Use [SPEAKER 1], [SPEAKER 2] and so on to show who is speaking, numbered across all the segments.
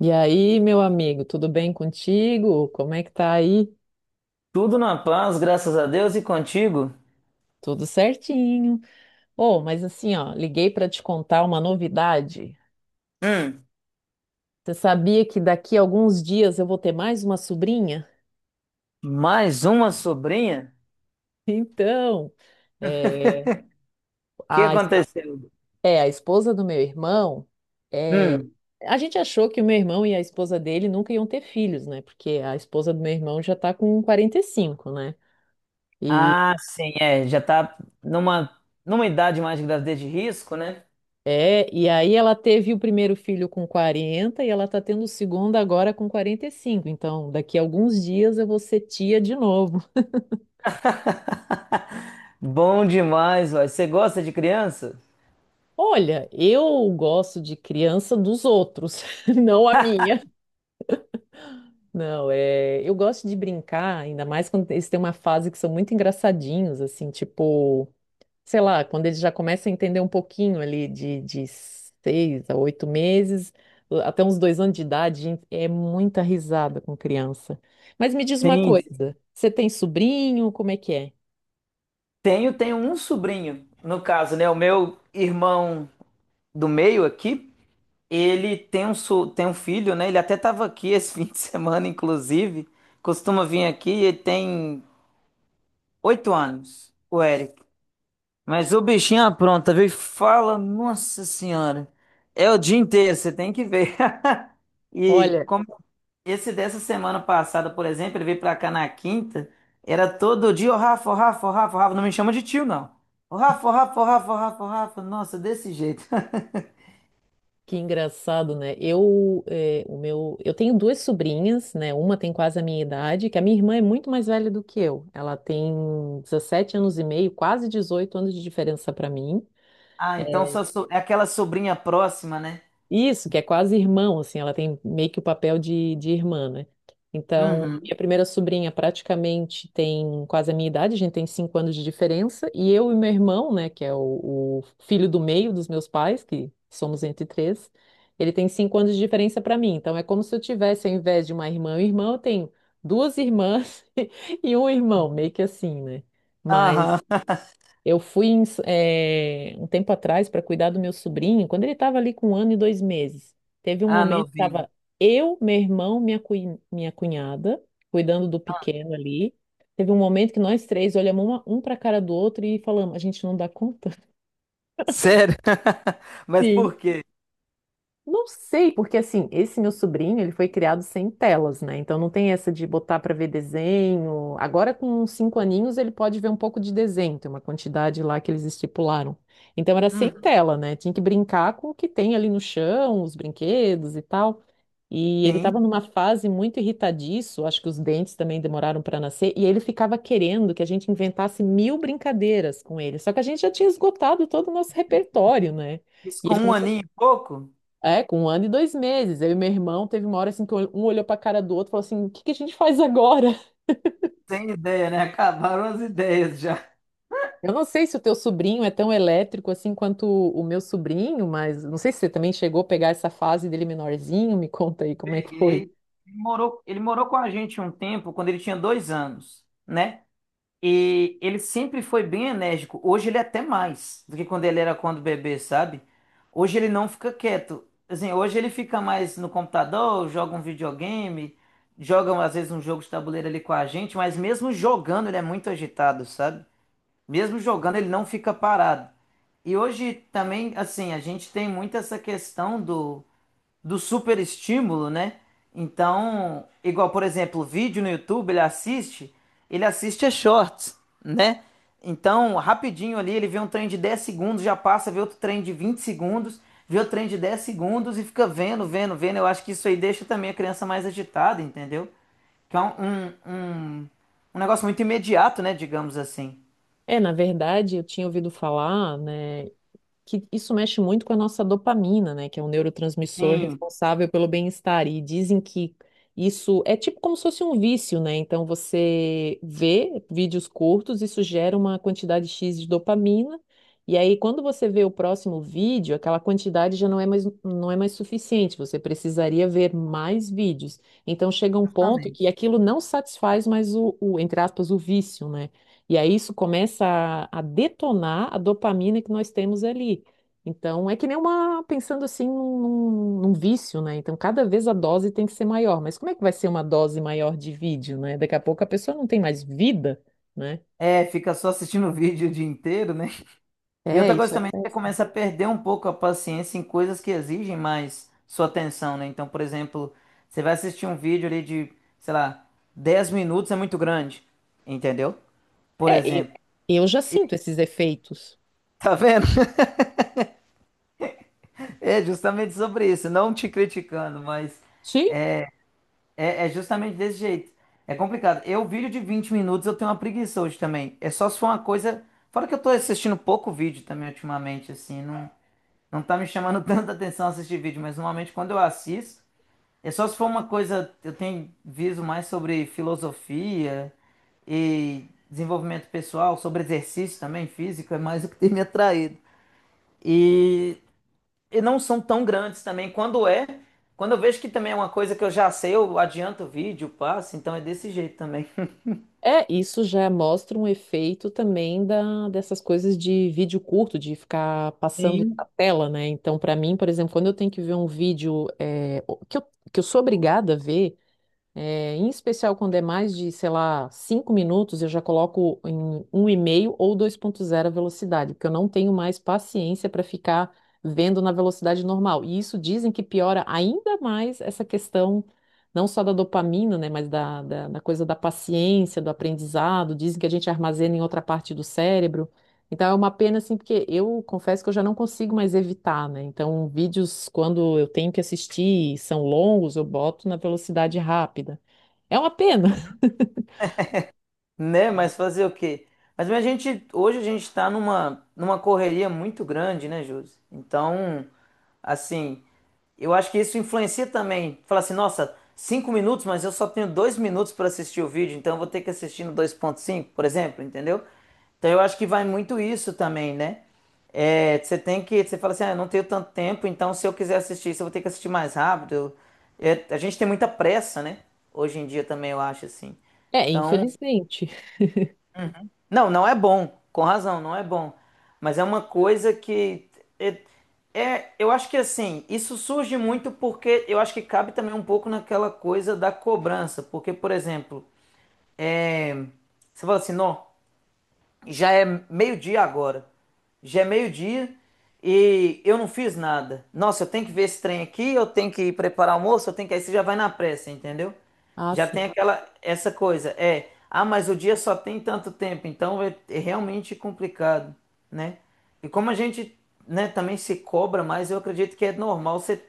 [SPEAKER 1] E aí, meu amigo, tudo bem contigo? Como é que tá aí?
[SPEAKER 2] Tudo na paz, graças a Deus e contigo.
[SPEAKER 1] Tudo certinho. Oh, mas assim, ó, liguei para te contar uma novidade.
[SPEAKER 2] Hum,
[SPEAKER 1] Você sabia que daqui a alguns dias eu vou ter mais uma sobrinha?
[SPEAKER 2] mais uma sobrinha?
[SPEAKER 1] Então, é,
[SPEAKER 2] O que
[SPEAKER 1] a, espo-
[SPEAKER 2] aconteceu?
[SPEAKER 1] a esposa do meu irmão, é,
[SPEAKER 2] Hum,
[SPEAKER 1] a gente achou que o meu irmão e a esposa dele nunca iam ter filhos, né? Porque a esposa do meu irmão já tá com 45, né?
[SPEAKER 2] ah, sim, é, já tá numa idade mais de gravidez de risco, né?
[SPEAKER 1] É, e aí ela teve o primeiro filho com 40 e ela tá tendo o segundo agora com 45. Então, daqui a alguns dias eu vou ser tia de novo.
[SPEAKER 2] Bom demais, vai. Você gosta de criança?
[SPEAKER 1] Olha, eu gosto de criança dos outros, não a minha. Não, eu gosto de brincar, ainda mais quando eles têm uma fase que são muito engraçadinhos, assim, tipo sei lá, quando eles já começam a entender um pouquinho ali de 6 a 8 meses, até uns 2 anos de idade, gente, é muita risada com criança. Mas me diz uma
[SPEAKER 2] Sim, sim.
[SPEAKER 1] coisa, você tem sobrinho? Como é que é?
[SPEAKER 2] Tenho um sobrinho, no caso, né? O meu irmão do meio aqui, ele tem um filho, né? Ele até estava aqui esse fim de semana, inclusive. Costuma vir aqui, ele tem 8 anos, o Eric. Mas o bichinho apronta, viu? E fala, nossa senhora. É o dia inteiro, você tem que ver. E
[SPEAKER 1] Olha,
[SPEAKER 2] como esse dessa semana passada, por exemplo, ele veio pra cá na quinta, era todo dia, ô Rafa, ô Rafa, ô Rafa, ô Rafa, não me chama de tio, não. Ô Rafa, ô Rafa, ô Rafa, ô Rafa, ô Rafa, nossa, desse jeito.
[SPEAKER 1] que engraçado, né? Eu, eh, o meu, eu tenho duas sobrinhas, né? Uma tem quase a minha idade, que a minha irmã é muito mais velha do que eu. Ela tem 17 anos e meio, quase 18 anos de diferença para mim.
[SPEAKER 2] Ah, então só é aquela sobrinha próxima, né?
[SPEAKER 1] Isso, que é quase irmão, assim, ela tem meio que o papel de irmã, né? Então, a
[SPEAKER 2] Uhum.
[SPEAKER 1] minha primeira sobrinha praticamente tem quase a minha idade, a gente tem 5 anos de diferença, e eu e meu irmão, né, que é o filho do meio dos meus pais, que somos entre três, ele tem 5 anos de diferença para mim. Então, é como se eu tivesse, ao invés de uma irmã e um irmão, eu tenho duas irmãs e um irmão, meio que assim, né? Mas
[SPEAKER 2] Aham.
[SPEAKER 1] eu fui um tempo atrás para cuidar do meu sobrinho, quando ele estava ali com 1 ano e 2 meses. Teve um
[SPEAKER 2] Ah,
[SPEAKER 1] momento que
[SPEAKER 2] novinho.
[SPEAKER 1] estava eu, meu irmão, minha cunhada, cuidando do pequeno ali. Teve um momento que nós três olhamos um para a cara do outro e falamos: a gente não dá conta.
[SPEAKER 2] Sério? Mas
[SPEAKER 1] Sim.
[SPEAKER 2] por quê?
[SPEAKER 1] Não sei, porque assim, esse meu sobrinho, ele foi criado sem telas, né? Então não tem essa de botar para ver desenho. Agora com uns cinco aninhos ele pode ver um pouco de desenho, tem uma quantidade lá que eles estipularam. Então era sem
[SPEAKER 2] Uhum.
[SPEAKER 1] tela, né? Tinha que brincar com o que tem ali no chão, os brinquedos e tal. E ele estava
[SPEAKER 2] Sim.
[SPEAKER 1] numa fase muito irritadiço, acho que os dentes também demoraram para nascer, e ele ficava querendo que a gente inventasse mil brincadeiras com ele. Só que a gente já tinha esgotado todo o nosso repertório, né?
[SPEAKER 2] Isso
[SPEAKER 1] E
[SPEAKER 2] com
[SPEAKER 1] ele
[SPEAKER 2] um
[SPEAKER 1] começou
[SPEAKER 2] aninho e pouco?
[SPEAKER 1] com 1 ano e 2 meses. Eu e meu irmão teve uma hora assim que um olhou pra cara do outro e falou assim: o que que a gente faz agora?
[SPEAKER 2] Sem ideia, né? Acabaram as ideias já.
[SPEAKER 1] Eu não sei se o teu sobrinho é tão elétrico assim quanto o meu sobrinho, mas não sei se você também chegou a pegar essa fase dele menorzinho. Me conta aí como é que foi.
[SPEAKER 2] Peguei. Ele morou com a gente um tempo, quando ele tinha 2 anos, né? E ele sempre foi bem enérgico. Hoje ele é até mais do que quando ele era quando bebê, sabe? Hoje ele não fica quieto. Assim, hoje ele fica mais no computador, joga um videogame, joga às vezes um jogo de tabuleiro ali com a gente, mas mesmo jogando ele é muito agitado, sabe? Mesmo jogando ele não fica parado. E hoje também, assim, a gente tem muito essa questão do super estímulo, né? Então, igual, por exemplo, vídeo no YouTube, ele assiste a shorts, né? Então, rapidinho ali, ele vê um trem de 10 segundos, já passa, vê outro trem de 20 segundos, vê outro trem de 10 segundos e fica vendo, vendo, vendo. Eu acho que isso aí deixa também a criança mais agitada, entendeu? Que é um negócio muito imediato, né? Digamos assim.
[SPEAKER 1] É, na verdade, eu tinha ouvido falar, né, que isso mexe muito com a nossa dopamina, né? Que é um neurotransmissor
[SPEAKER 2] Sim,
[SPEAKER 1] responsável pelo bem-estar. E dizem que isso é tipo como se fosse um vício, né? Então você vê vídeos curtos, isso gera uma quantidade X de dopamina. E aí, quando você vê o próximo vídeo, aquela quantidade já não é mais, não é mais suficiente. Você precisaria ver mais vídeos. Então chega um ponto que
[SPEAKER 2] exatamente.
[SPEAKER 1] aquilo não satisfaz mais entre aspas, o vício, né? E aí isso começa a detonar a dopamina que nós temos ali. Então, é que nem uma, pensando assim, num vício, né? Então, cada vez a dose tem que ser maior. Mas como é que vai ser uma dose maior de vídeo, né? Daqui a pouco a pessoa não tem mais vida, né?
[SPEAKER 2] É, fica só assistindo o vídeo o dia inteiro, né? E
[SPEAKER 1] É,
[SPEAKER 2] outra coisa
[SPEAKER 1] isso é
[SPEAKER 2] também, você
[SPEAKER 1] péssimo.
[SPEAKER 2] começa a perder um pouco a paciência em coisas que exigem mais sua atenção, né? Então, por exemplo, você vai assistir um vídeo ali de, sei lá, 10 minutos é muito grande, entendeu? Por
[SPEAKER 1] É, eu
[SPEAKER 2] exemplo.
[SPEAKER 1] eu já sinto esses efeitos.
[SPEAKER 2] Tá vendo? É justamente sobre isso, não te criticando, mas é justamente desse jeito. É complicado. Eu, vídeo de 20 minutos, eu tenho uma preguiça hoje também. É só se for uma coisa. Fora que eu tô assistindo pouco vídeo também ultimamente, assim, não, não tá me chamando tanta atenção assistir vídeo, mas normalmente quando eu assisto. É só se for uma coisa, eu tenho viso mais sobre filosofia e desenvolvimento pessoal, sobre exercício também, físico, é mais o que tem me atraído. E, e não são tão grandes também. Quando eu vejo que também é uma coisa que eu já sei, eu adianto o vídeo, passo, então é desse jeito também.
[SPEAKER 1] É, isso já mostra um efeito também dessas coisas de vídeo curto, de ficar passando a
[SPEAKER 2] Sim.
[SPEAKER 1] tela, né? Então, para mim, por exemplo, quando eu tenho que ver um vídeo que eu sou obrigada a ver, é, em especial quando é mais de, sei lá, 5 minutos, eu já coloco em 1,5 ou 2,0 a velocidade, porque eu não tenho mais paciência para ficar vendo na velocidade normal. E isso dizem que piora ainda mais essa questão, não só da dopamina, né, mas da coisa da paciência, do aprendizado. Dizem que a gente armazena em outra parte do cérebro. Então é uma pena, assim, porque eu confesso que eu já não consigo mais evitar, né? Então, vídeos, quando eu tenho que assistir e são longos, eu boto na velocidade rápida. É uma pena.
[SPEAKER 2] Né? Mas fazer o quê? Mas a gente, hoje a gente está numa correria muito grande, né, Júlio? Então. Assim, eu acho que isso influencia também. Fala assim, nossa, 5 minutos, mas eu só tenho 2 minutos para assistir o vídeo, então eu vou ter que assistir no 2,5 por exemplo, entendeu? Então eu acho que vai muito isso também, né? É, você tem que, você fala assim, ah, eu não tenho tanto tempo, então se eu quiser assistir isso, eu vou ter que assistir mais rápido. É, a gente tem muita pressa, né? Hoje em dia também eu acho assim.
[SPEAKER 1] É,
[SPEAKER 2] Então
[SPEAKER 1] infelizmente.
[SPEAKER 2] não, não é bom, com razão, não é bom. Mas é uma coisa que é, eu acho que assim, isso surge muito porque eu acho que cabe também um pouco naquela coisa da cobrança, porque, por exemplo, é, você fala assim, não, já é meio-dia agora, já é meio-dia e eu não fiz nada. Nossa, eu tenho que ver esse trem aqui, eu tenho que ir preparar o almoço, eu tenho que aí você já vai na pressa, entendeu?
[SPEAKER 1] Ah,
[SPEAKER 2] Já tem
[SPEAKER 1] sim.
[SPEAKER 2] aquela essa coisa, é, ah, mas o dia só tem tanto tempo, então é, é realmente complicado, né? E como a gente, né, também se cobra mais, eu acredito que é normal você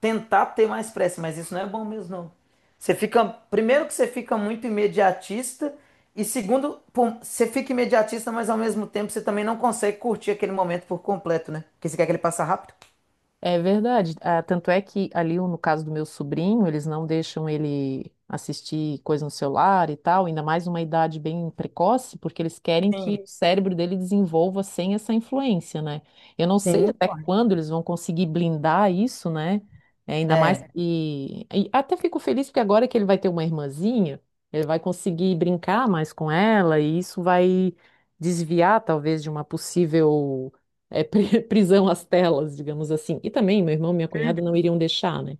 [SPEAKER 2] tentar ter mais pressa, mas isso não é bom mesmo, não. Você fica, primeiro que você fica muito imediatista e segundo, pô, você fica imediatista, mas ao mesmo tempo você também não consegue curtir aquele momento por completo, né? Porque você quer que ele passe rápido.
[SPEAKER 1] É verdade. Ah, tanto é que ali, no caso do meu sobrinho, eles não deixam ele assistir coisa no celular e tal, ainda mais uma idade bem precoce, porque eles querem que
[SPEAKER 2] Sim,
[SPEAKER 1] o cérebro dele desenvolva sem essa influência, né? Eu não sei
[SPEAKER 2] sim,
[SPEAKER 1] até
[SPEAKER 2] correto.
[SPEAKER 1] quando eles vão conseguir blindar isso, né? É, ainda mais
[SPEAKER 2] É,
[SPEAKER 1] que. E até fico feliz porque agora que ele vai ter uma irmãzinha, ele vai conseguir brincar mais com ela e isso vai desviar, talvez, de uma possível prisão às telas, digamos assim. E também meu irmão e minha cunhada não iriam deixar, né?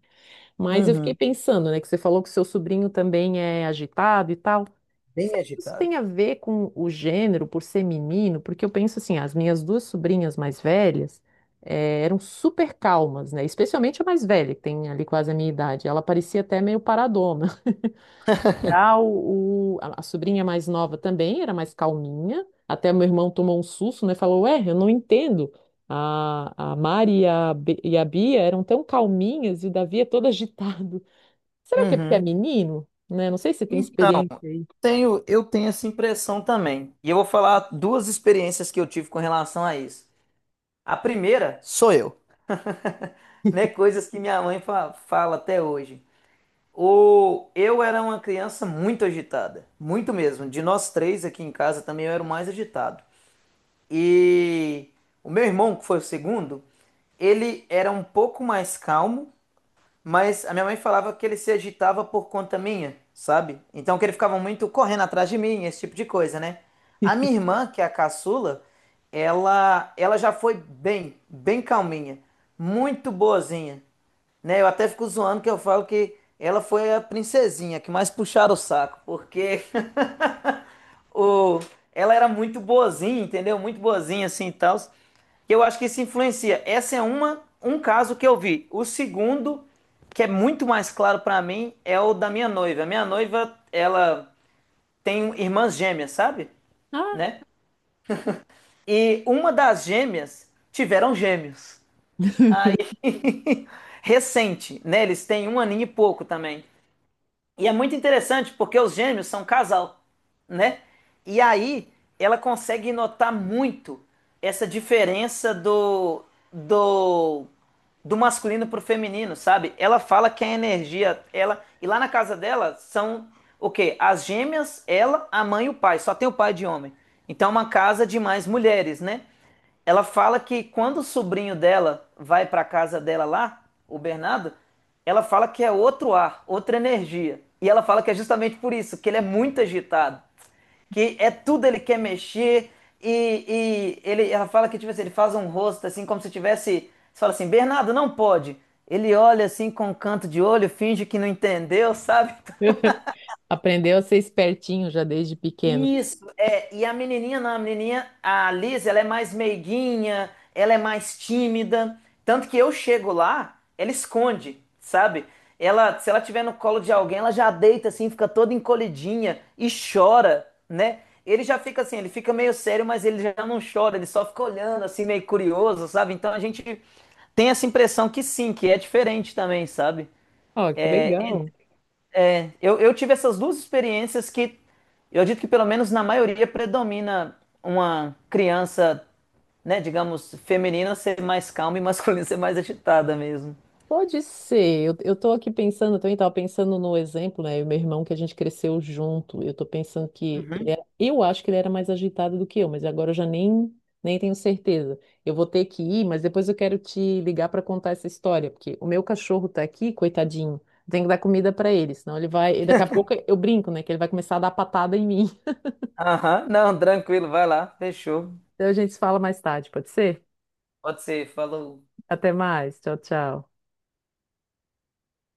[SPEAKER 1] Mas eu fiquei
[SPEAKER 2] uhum.
[SPEAKER 1] pensando, né, que você falou que seu sobrinho também é agitado e tal.
[SPEAKER 2] Bem
[SPEAKER 1] Será que isso
[SPEAKER 2] agitado.
[SPEAKER 1] tem a ver com o gênero, por ser menino, porque eu penso assim, as minhas duas sobrinhas mais velhas eram super calmas, né? Especialmente a mais velha, que tem ali quase a minha idade. Ela parecia até meio paradona. Já a sobrinha mais nova também era mais calminha. Até meu irmão tomou um susto, né? Falou, ué, eu não entendo. A Mari e a Bia eram tão calminhas e o Davi é todo agitado. Será que é porque é
[SPEAKER 2] Uhum.
[SPEAKER 1] menino? Né? Não sei se você tem experiência aí.
[SPEAKER 2] Tenho, eu tenho essa impressão também. E eu vou falar duas experiências que eu tive com relação a isso. A primeira sou eu, né? Coisas que minha mãe fala até hoje. O, eu era uma criança muito agitada, muito mesmo. De nós três aqui em casa também eu era o mais agitado. E o meu irmão, que foi o segundo, ele era um pouco mais calmo. Mas a minha mãe falava que ele se agitava por conta minha, sabe? Então que ele ficava muito correndo atrás de mim, esse tipo de coisa, né? A minha irmã, que é a caçula, ela já foi bem, bem calminha, muito boazinha, né? Eu até fico zoando que eu falo que ela foi a princesinha que mais puxaram o saco, porque o, ela era muito boazinha, entendeu? Muito boazinha assim e tal. E eu acho que isso influencia. Essa é uma, um caso que eu vi. O segundo, que é muito mais claro pra mim, é o da minha noiva. A minha noiva, ela tem irmãs gêmeas, sabe?
[SPEAKER 1] Ah!
[SPEAKER 2] Né? E uma das gêmeas tiveram gêmeos. Aí, recente, né? Eles têm um aninho e pouco também. E é muito interessante porque os gêmeos são um casal, né? E aí ela consegue notar muito essa diferença do do masculino pro feminino, sabe? Ela fala que a energia, ela e lá na casa dela são o quê? As gêmeas, ela, a mãe e o pai, só tem o pai de homem. Então é uma casa de mais mulheres, né? Ela fala que quando o sobrinho dela vai para a casa dela lá, o Bernardo, ela fala que é outro ar, outra energia. E ela fala que é justamente por isso, que ele é muito agitado, que é tudo ele quer mexer ela fala que tipo assim, ele faz um rosto assim como se tivesse, você fala assim, Bernardo, não pode. Ele olha assim com um canto de olho, finge que não entendeu, sabe?
[SPEAKER 1] Aprendeu a ser espertinho já desde pequeno.
[SPEAKER 2] Isso, é, e a menininha, não, a menininha, a Liz, ela é mais meiguinha, ela é mais tímida, tanto que eu chego lá, ela esconde, sabe? Ela, se ela tiver no colo de alguém, ela já deita assim, fica toda encolhidinha e chora, né? Ele já fica assim, ele fica meio sério, mas ele já não chora, ele só fica olhando assim, meio curioso, sabe? Então a gente tem essa impressão que sim, que é diferente também, sabe?
[SPEAKER 1] Ó, que legal.
[SPEAKER 2] Eu tive essas duas experiências que eu acredito que pelo menos na maioria predomina uma criança, né, digamos, feminina ser mais calma e masculina ser mais agitada mesmo.
[SPEAKER 1] Pode ser. Eu tô aqui pensando, eu também estava pensando no exemplo, né? O meu irmão que a gente cresceu junto. Eu tô pensando que
[SPEAKER 2] Uhum.
[SPEAKER 1] eu acho que ele era mais agitado do que eu, mas agora eu já nem tenho certeza. Eu vou ter que ir, mas depois eu quero te ligar para contar essa história, porque o meu cachorro tá aqui, coitadinho. Tem que dar comida para ele, senão ele vai. E daqui a pouco eu brinco, né? Que ele vai começar a dar patada em mim.
[SPEAKER 2] Aham, não, tranquilo, vai lá, fechou.
[SPEAKER 1] Então a gente se fala mais tarde, pode ser?
[SPEAKER 2] Pode ser, falou.
[SPEAKER 1] Até mais. Tchau, tchau.